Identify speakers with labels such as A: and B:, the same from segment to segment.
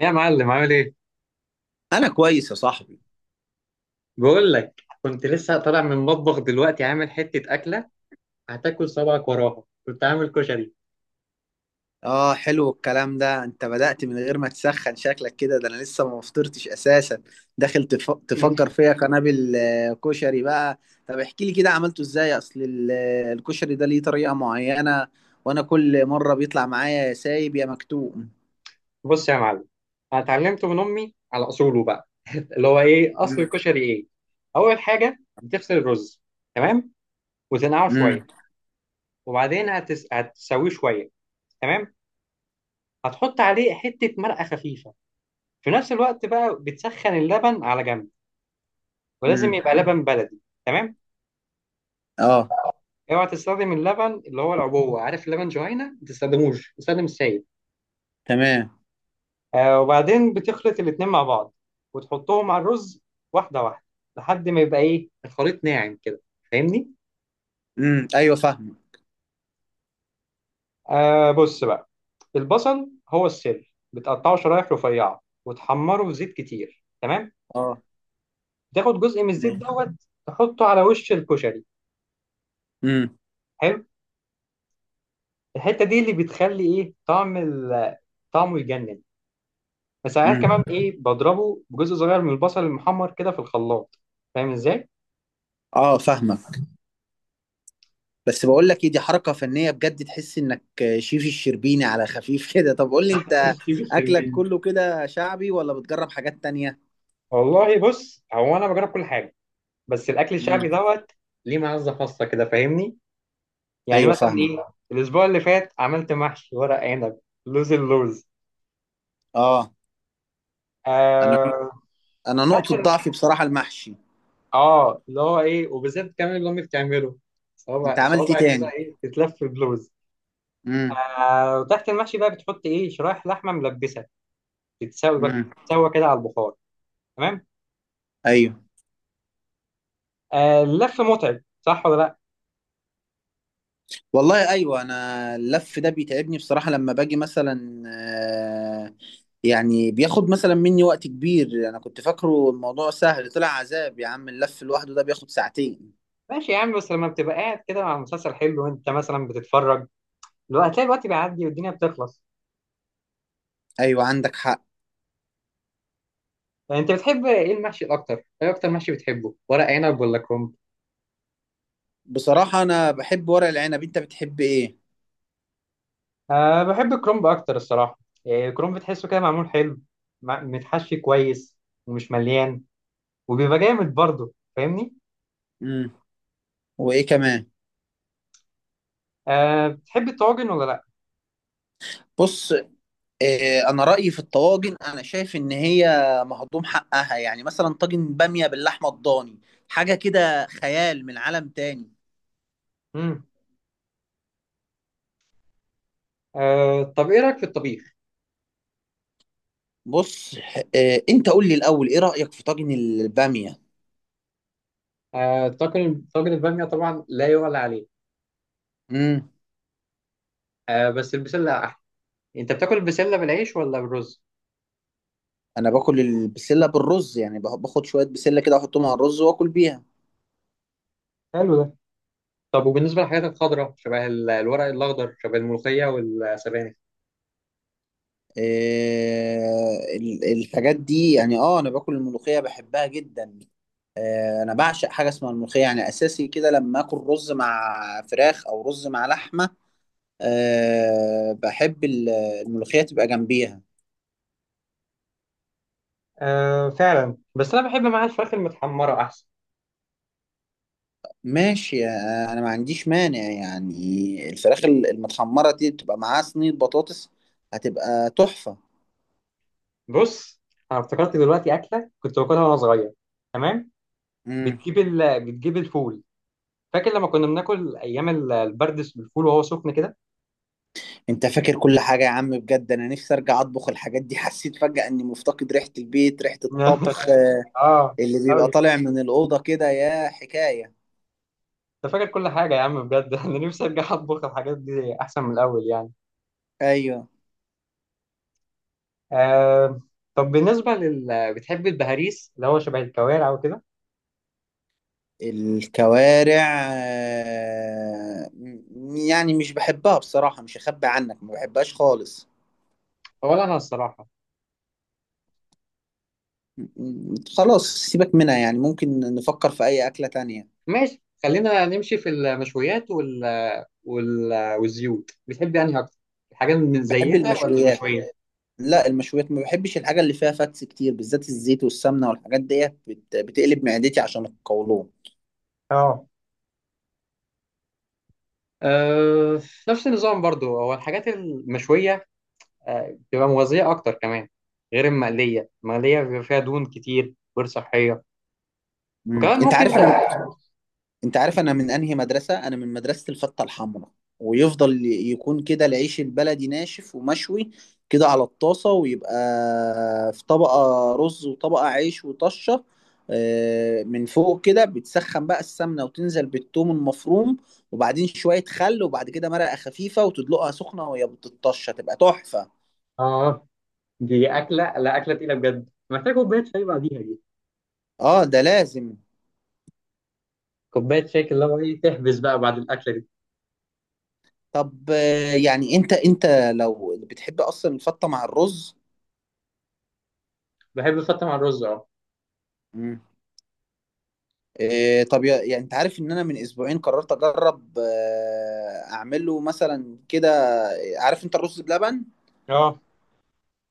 A: يا معلم، عامل ايه؟
B: انا كويس يا صاحبي.
A: بقول لك كنت لسه طالع من المطبخ دلوقتي، عامل حتة أكلة هتاكل صبعك وراها. كنت عامل كشري.
B: اه، حلو الكلام ده. انت بدأت من غير ما تسخن شكلك كده، ده انا لسه ما فطرتش اساسا. داخل تفجر فيا قنابل، كشري بقى. طب احكي لي كده عملته ازاي. اصل الكشري ده ليه طريقة معينة، وانا كل مرة بيطلع معايا يا سايب يا مكتوم.
A: بص يا معلم، أنا اتعلمته من أمي على أصوله بقى. اللي هو ايه أصل
B: امم
A: الكشري ايه؟ أول حاجة بتغسل الرز. تمام؟ وتنقعه شوية
B: امم
A: وبعدين هتسويه شوية. تمام؟ هتحط عليه حتة مرقة خفيفة. في نفس الوقت بقى بتسخن اللبن على جنب، ولازم
B: امم
A: يبقى لبن بلدي. تمام؟
B: اه.
A: اوعى تستخدم اللبن اللي هو العبوه، عارف اللبن جهينه، ما تستخدموش، استخدم السائل.
B: تمام.
A: وبعدين بتخلط الاتنين مع بعض وتحطهم على الرز واحده واحده لحد ما يبقى ايه الخليط ناعم كده، فاهمني.
B: ايوه، فاهم.
A: بص بقى، البصل هو السر، بتقطعه شرايح رفيعه وتحمره في زيت كتير. تمام.
B: اه،
A: تاخد جزء من الزيت
B: ماشي.
A: دوت، تحطه على وش الكشري.
B: امم
A: حلو. الحته دي اللي بتخلي ايه طعم طعمه يجنن. فساعات
B: امم
A: كمان ايه بضربه بجزء صغير من البصل المحمر كده في الخلاط. فاهم ازاي؟
B: اه، فاهمك. بس بقول لك ايه، دي حركة فنية بجد، تحس انك شيف الشربيني على خفيف كده. طب قول لي انت،
A: ستيف
B: اكلك
A: السلمين.
B: كله كده شعبي ولا بتجرب حاجات تانية؟
A: والله بص، هو انا بجرب كل حاجه، بس الاكل الشعبي
B: امم
A: دوت ليه معزه خاصه كده، فاهمني. يعني
B: ايوه،
A: مثلا
B: فاهمه.
A: ايه الاسبوع اللي فات عملت محشي ورق عنب اللوز.
B: اه، انا
A: آه
B: انا نقطة
A: فاكر،
B: ضعفي بصراحة المحشي.
A: اه اللي هو ايه، وبالذات كمان اللي امي بتعمله
B: انت
A: صوابع
B: عملت ايه
A: صوابع كده،
B: تاني؟
A: ايه تتلف بلوز.
B: امم
A: وتحت المحشي بقى بتحط ايه شرايح لحمه ملبسه تتسوي بقى
B: امم
A: تتسوى كده على البخار. تمام.
B: ايوه.
A: اللف متعب، صح ولا لا؟
B: والله ايوه، انا اللف ده بيتعبني بصراحة. لما باجي مثلا يعني بياخد مثلا مني وقت كبير. انا كنت فاكره الموضوع سهل، طلع عذاب يا عم، اللف لوحده ده بياخد ساعتين.
A: ماشي يا عم، بس لما بتبقى قاعد كده مع مسلسل حلو وانت مثلا بتتفرج، لو هتلاقي الوقت بيعدي والدنيا بتخلص.
B: ايوه عندك حق.
A: يعني انت بتحب ايه المحشي الاكتر، ايه اكتر محشي بتحبه، ورق عنب ولا كرنب؟
B: بصراحة أنا بحب ورق العنب، أنت بتحب إيه؟
A: بحب الكرنب اكتر الصراحه. الكرنب بتحسه كده معمول حلو، متحشي كويس ومش مليان وبيبقى جامد برضه، فاهمني.
B: مم. وإيه كمان؟
A: بتحب الطواجن ولا لا؟
B: بص، إيه، أنا رأيي في الطواجن، أنا شايف إن هي مهضوم حقها. يعني مثلا طاجن بامية باللحمة الضاني، حاجة كده خيال من عالم تاني.
A: امم طب ايه رايك في الطبيخ؟
B: بص، إيه، أنت قول لي الأول، إيه رأيك في طاجن البامية؟
A: طاجن الباميه طبعا لا يعلى عليه.
B: مم.
A: بس البسله احلى. انت بتاكل البسله بالعيش ولا بالرز؟
B: أنا باكل البسلة بالرز، يعني باخد شوية بسلة كده أحطهم على الرز وآكل بيها.
A: حلو ده. طب وبالنسبه للحاجات الخضراء شبه الورق الاخضر شبه الملوخيه والسبانخ.
B: الحاجات دي يعني، اه، انا باكل الملوخيه، بحبها جدا. انا بعشق حاجه اسمها الملوخيه، يعني اساسي كده لما اكل رز مع فراخ او رز مع لحمه. أه بحب الملوخيه تبقى جنبيها.
A: فعلا، بس انا بحب معاها الفراخ المتحمره احسن.
B: ماشي. انا ما عنديش مانع، يعني الفراخ المتحمره دي تبقى معاها صينيه بطاطس، هتبقى تحفه.
A: بص، انا افتكرت دلوقتي اكله كنت باكلها وانا صغير. تمام.
B: مم.
A: بتجيب الفول. فاكر لما كنا بناكل ايام البردس بالفول وهو سخن كده.
B: انت فاكر كل حاجة يا عم، بجد انا نفسي ارجع اطبخ الحاجات دي. حسيت فجأة اني مفتقد ريحة البيت، ريحة الطبخ،
A: اه
B: اللي بيبقى
A: قوي.
B: طالع من الأوضة كده، يا حكاية.
A: انت فاكر كل حاجه يا عم بجد. انا نفسي ارجع اطبخ الحاجات دي احسن من الاول يعني.
B: ايوه.
A: آه طب بالنسبة لل بتحب البهاريس اللي هو شبه الكوارع وكده؟
B: الكوارع. يعني مش بحبها بصراحة، مش هخبي عنك، ما بحبهاش خالص.
A: ولا أنا الصراحة.
B: خلاص سيبك منها، يعني ممكن نفكر في اي أكلة تانية.
A: ماشي، خلينا نمشي في المشويات وال... والزيوت، بتحب أنهي أكتر، الحاجات من
B: بحب
A: زيتها ولا
B: المشويات.
A: المشويات؟
B: لا المشويات، ما بحبش الحاجة اللي فيها فاتس كتير، بالذات الزيت والسمنة والحاجات ديت بتقلب معدتي عشان القولون.
A: اه. آه، نفس النظام برضو، هو الحاجات المشوية بتبقى مغذية أكتر كمان، غير المقلية، المقلية بيبقى فيها دهون كتير غير صحية،
B: مم.
A: وكمان ممكن
B: انت عارف انا من انهي مدرسه، انا من مدرسه الفته الحمراء. ويفضل يكون كده العيش البلدي ناشف ومشوي، كده على الطاسه. ويبقى في طبقه رز وطبقه عيش وطشه من فوق كده. بتسخن بقى السمنه وتنزل بالثوم المفروم، وبعدين شويه خل، وبعد كده مرقه خفيفه وتدلقها سخنه وهي بتطشه، تبقى تحفه.
A: اه. دي أكلة، لا أكلة تقيلة بجد، محتاج كوباية شاي بعديها.
B: اه، ده لازم.
A: كوبايه شاي كده، اللي هو ايه تحبس بقى بعد الاكله دي.
B: طب، يعني انت لو بتحب اصلا الفته مع الرز.
A: بحب احطها مع الرز، اه
B: إيه، طب، يعني انت عارف ان انا من اسبوعين قررت اجرب، اعمله مثلا كده. عارف انت الرز بلبن؟
A: اه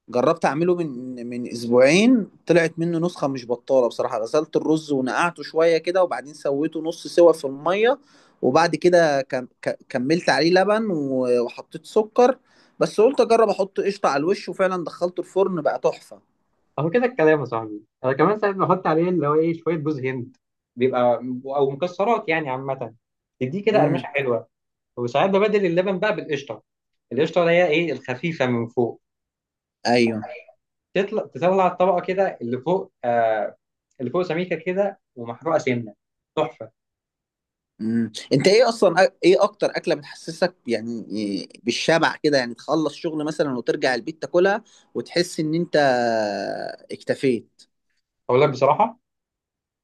B: جربت اعمله من اسبوعين، طلعت منه نسخة مش بطالة بصراحة. غسلت الرز ونقعته شوية كده، وبعدين سويته نص سوا في المية، وبعد كده كملت عليه لبن وحطيت سكر. بس قلت اجرب احط قشطة على الوش، وفعلا دخلته الفرن، بقى تحفة.
A: اهو كده الكلام يا صاحبي. انا كمان ساعات بحط عليه اللي هو ايه شويه جوز هند، بيبقى، او مكسرات يعني عامه، تديه كده قرمشه
B: امم
A: حلوه. وساعات ببدل اللبن بقى بالقشطه، القشطه اللي هي ايه الخفيفه من فوق.
B: ايوه.
A: تطلع الطبقه كده اللي فوق، آه، اللي فوق سميكه كده ومحروقه سنه، تحفه.
B: مم. انت ايه اصلا، ايه اكتر اكله بتحسسك يعني بالشبع كده، يعني تخلص شغل مثلا وترجع البيت تاكلها وتحس ان انت اكتفيت؟
A: اقول لك بصراحه،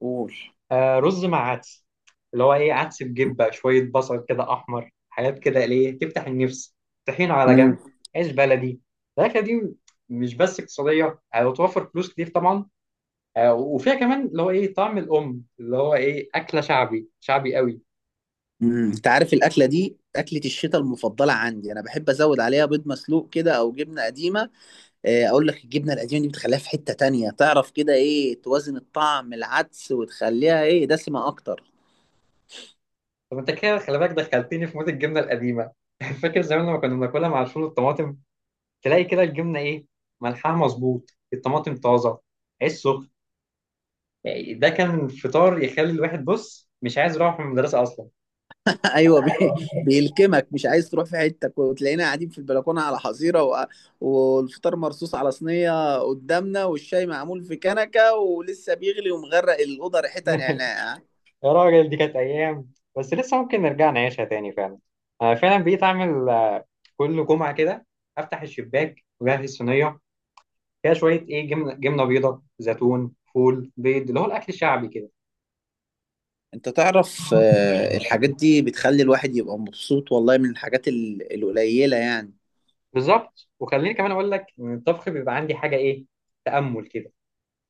B: قول.
A: رز مع عدس، اللي هو ايه عدس بجبه شويه بصل كده احمر، حاجات كده ليه تفتح النفس، طحينه على جنب،
B: امم.
A: عيش بلدي. الاكله دي مش بس اقتصاديه وتوفر فلوس كتير طبعا، وفيها كمان اللي هو ايه طعم الام، اللي هو ايه اكله شعبي شعبي قوي.
B: انت عارف الاكله دي اكله الشتاء المفضله عندي، انا بحب ازود عليها بيض مسلوق كده او جبنه قديمه. اقول لك الجبنه القديمه دي بتخليها في حته تانية، تعرف كده ايه توازن الطعم، العدس وتخليها ايه دسمه اكتر.
A: طب انت كده خلي بالك دخلتني في مود الجبنه القديمه. فاكر زمان لما كنا بناكلها مع الفول والطماطم، تلاقي كده الجبنه ايه ملحها مظبوط، الطماطم طازه، عيش سخن. يعني ده كان فطار يخلي الواحد بص مش عايز يروح من المدرسة أصلا.
B: ايوه، بيلكمك، مش عايز تروح، في حته وتلاقينا قاعدين في البلكونه على حظيره والفطار مرصوص على صينيه قدامنا، والشاي معمول في كنكه ولسه بيغلي، ومغرق الاوضه ريحتها نعناع.
A: يا راجل، دي كانت أيام، بس لسه ممكن نرجع نعيشها تاني فعلا. أنا فعلا بقيت أعمل كل جمعة كده أفتح الشباك وأجهز صينية فيها شوية إيه جبنة جبنة بيضة زيتون فول بيض، اللي هو الأكل الشعبي كده.
B: انت تعرف، الحاجات دي بتخلي الواحد يبقى مبسوط، والله من الحاجات القليله يعني.
A: بالظبط، وخليني كمان أقول لك إن الطبخ بيبقى عندي حاجة إيه تأمل كده،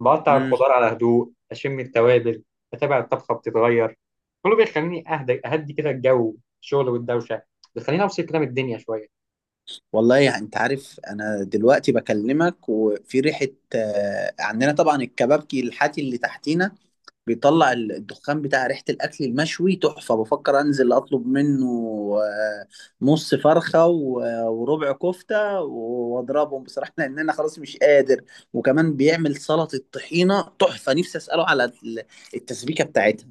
A: بقطع
B: امم.
A: الخضار على هدوء، اشم التوابل، اتابع الطبخه بتتغير، كله بيخليني اهدى اهدي كده، الجو الشغل والدوشه بيخليني افصل كده من الدنيا شويه.
B: والله يعني انت عارف انا دلوقتي بكلمك، وفي ريحه. عندنا طبعا الكبابجي الحاتي اللي تحتينا، بيطلع الدخان بتاع ريحة الأكل المشوي تحفة. بفكر أنزل أطلب منه آه، نص فرخة وربع كفتة وأضربهم بصراحة، لأن أنا خلاص مش قادر. وكمان بيعمل سلطة طحينة تحفة، نفسي أسأله على التسبيكة بتاعتها.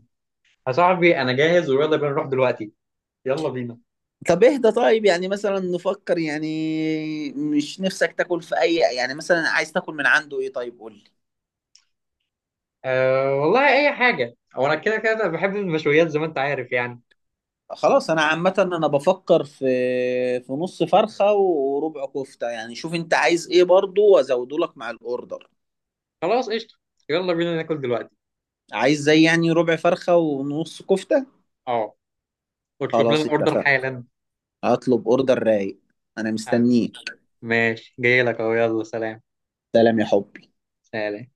A: يا صاحبي انا جاهز ويلا بينا نروح دلوقتي. يلا بينا.
B: طب اهدى، طيب يعني مثلا نفكر، يعني مش نفسك تاكل في أي، يعني مثلا عايز تاكل من عنده إيه، طيب قول لي.
A: أه والله اي حاجه، او انا كده كده بحب المشويات زي ما انت عارف يعني.
B: خلاص، انا عامه انا بفكر في نص فرخه وربع كفته، يعني شوف انت عايز ايه برضو، وازوده لك مع الاوردر.
A: خلاص، قشطه، يلا بينا ناكل دلوقتي.
B: عايز زي يعني ربع فرخه ونص كفته.
A: اه، اطلب لنا
B: خلاص
A: الاوردر
B: اتفقنا.
A: حالا.
B: هطلب اوردر رايق. انا
A: حاضر.
B: مستنيك.
A: ماشي، جاي لك اهو، يلا سلام.
B: سلام يا حبي.
A: سلام.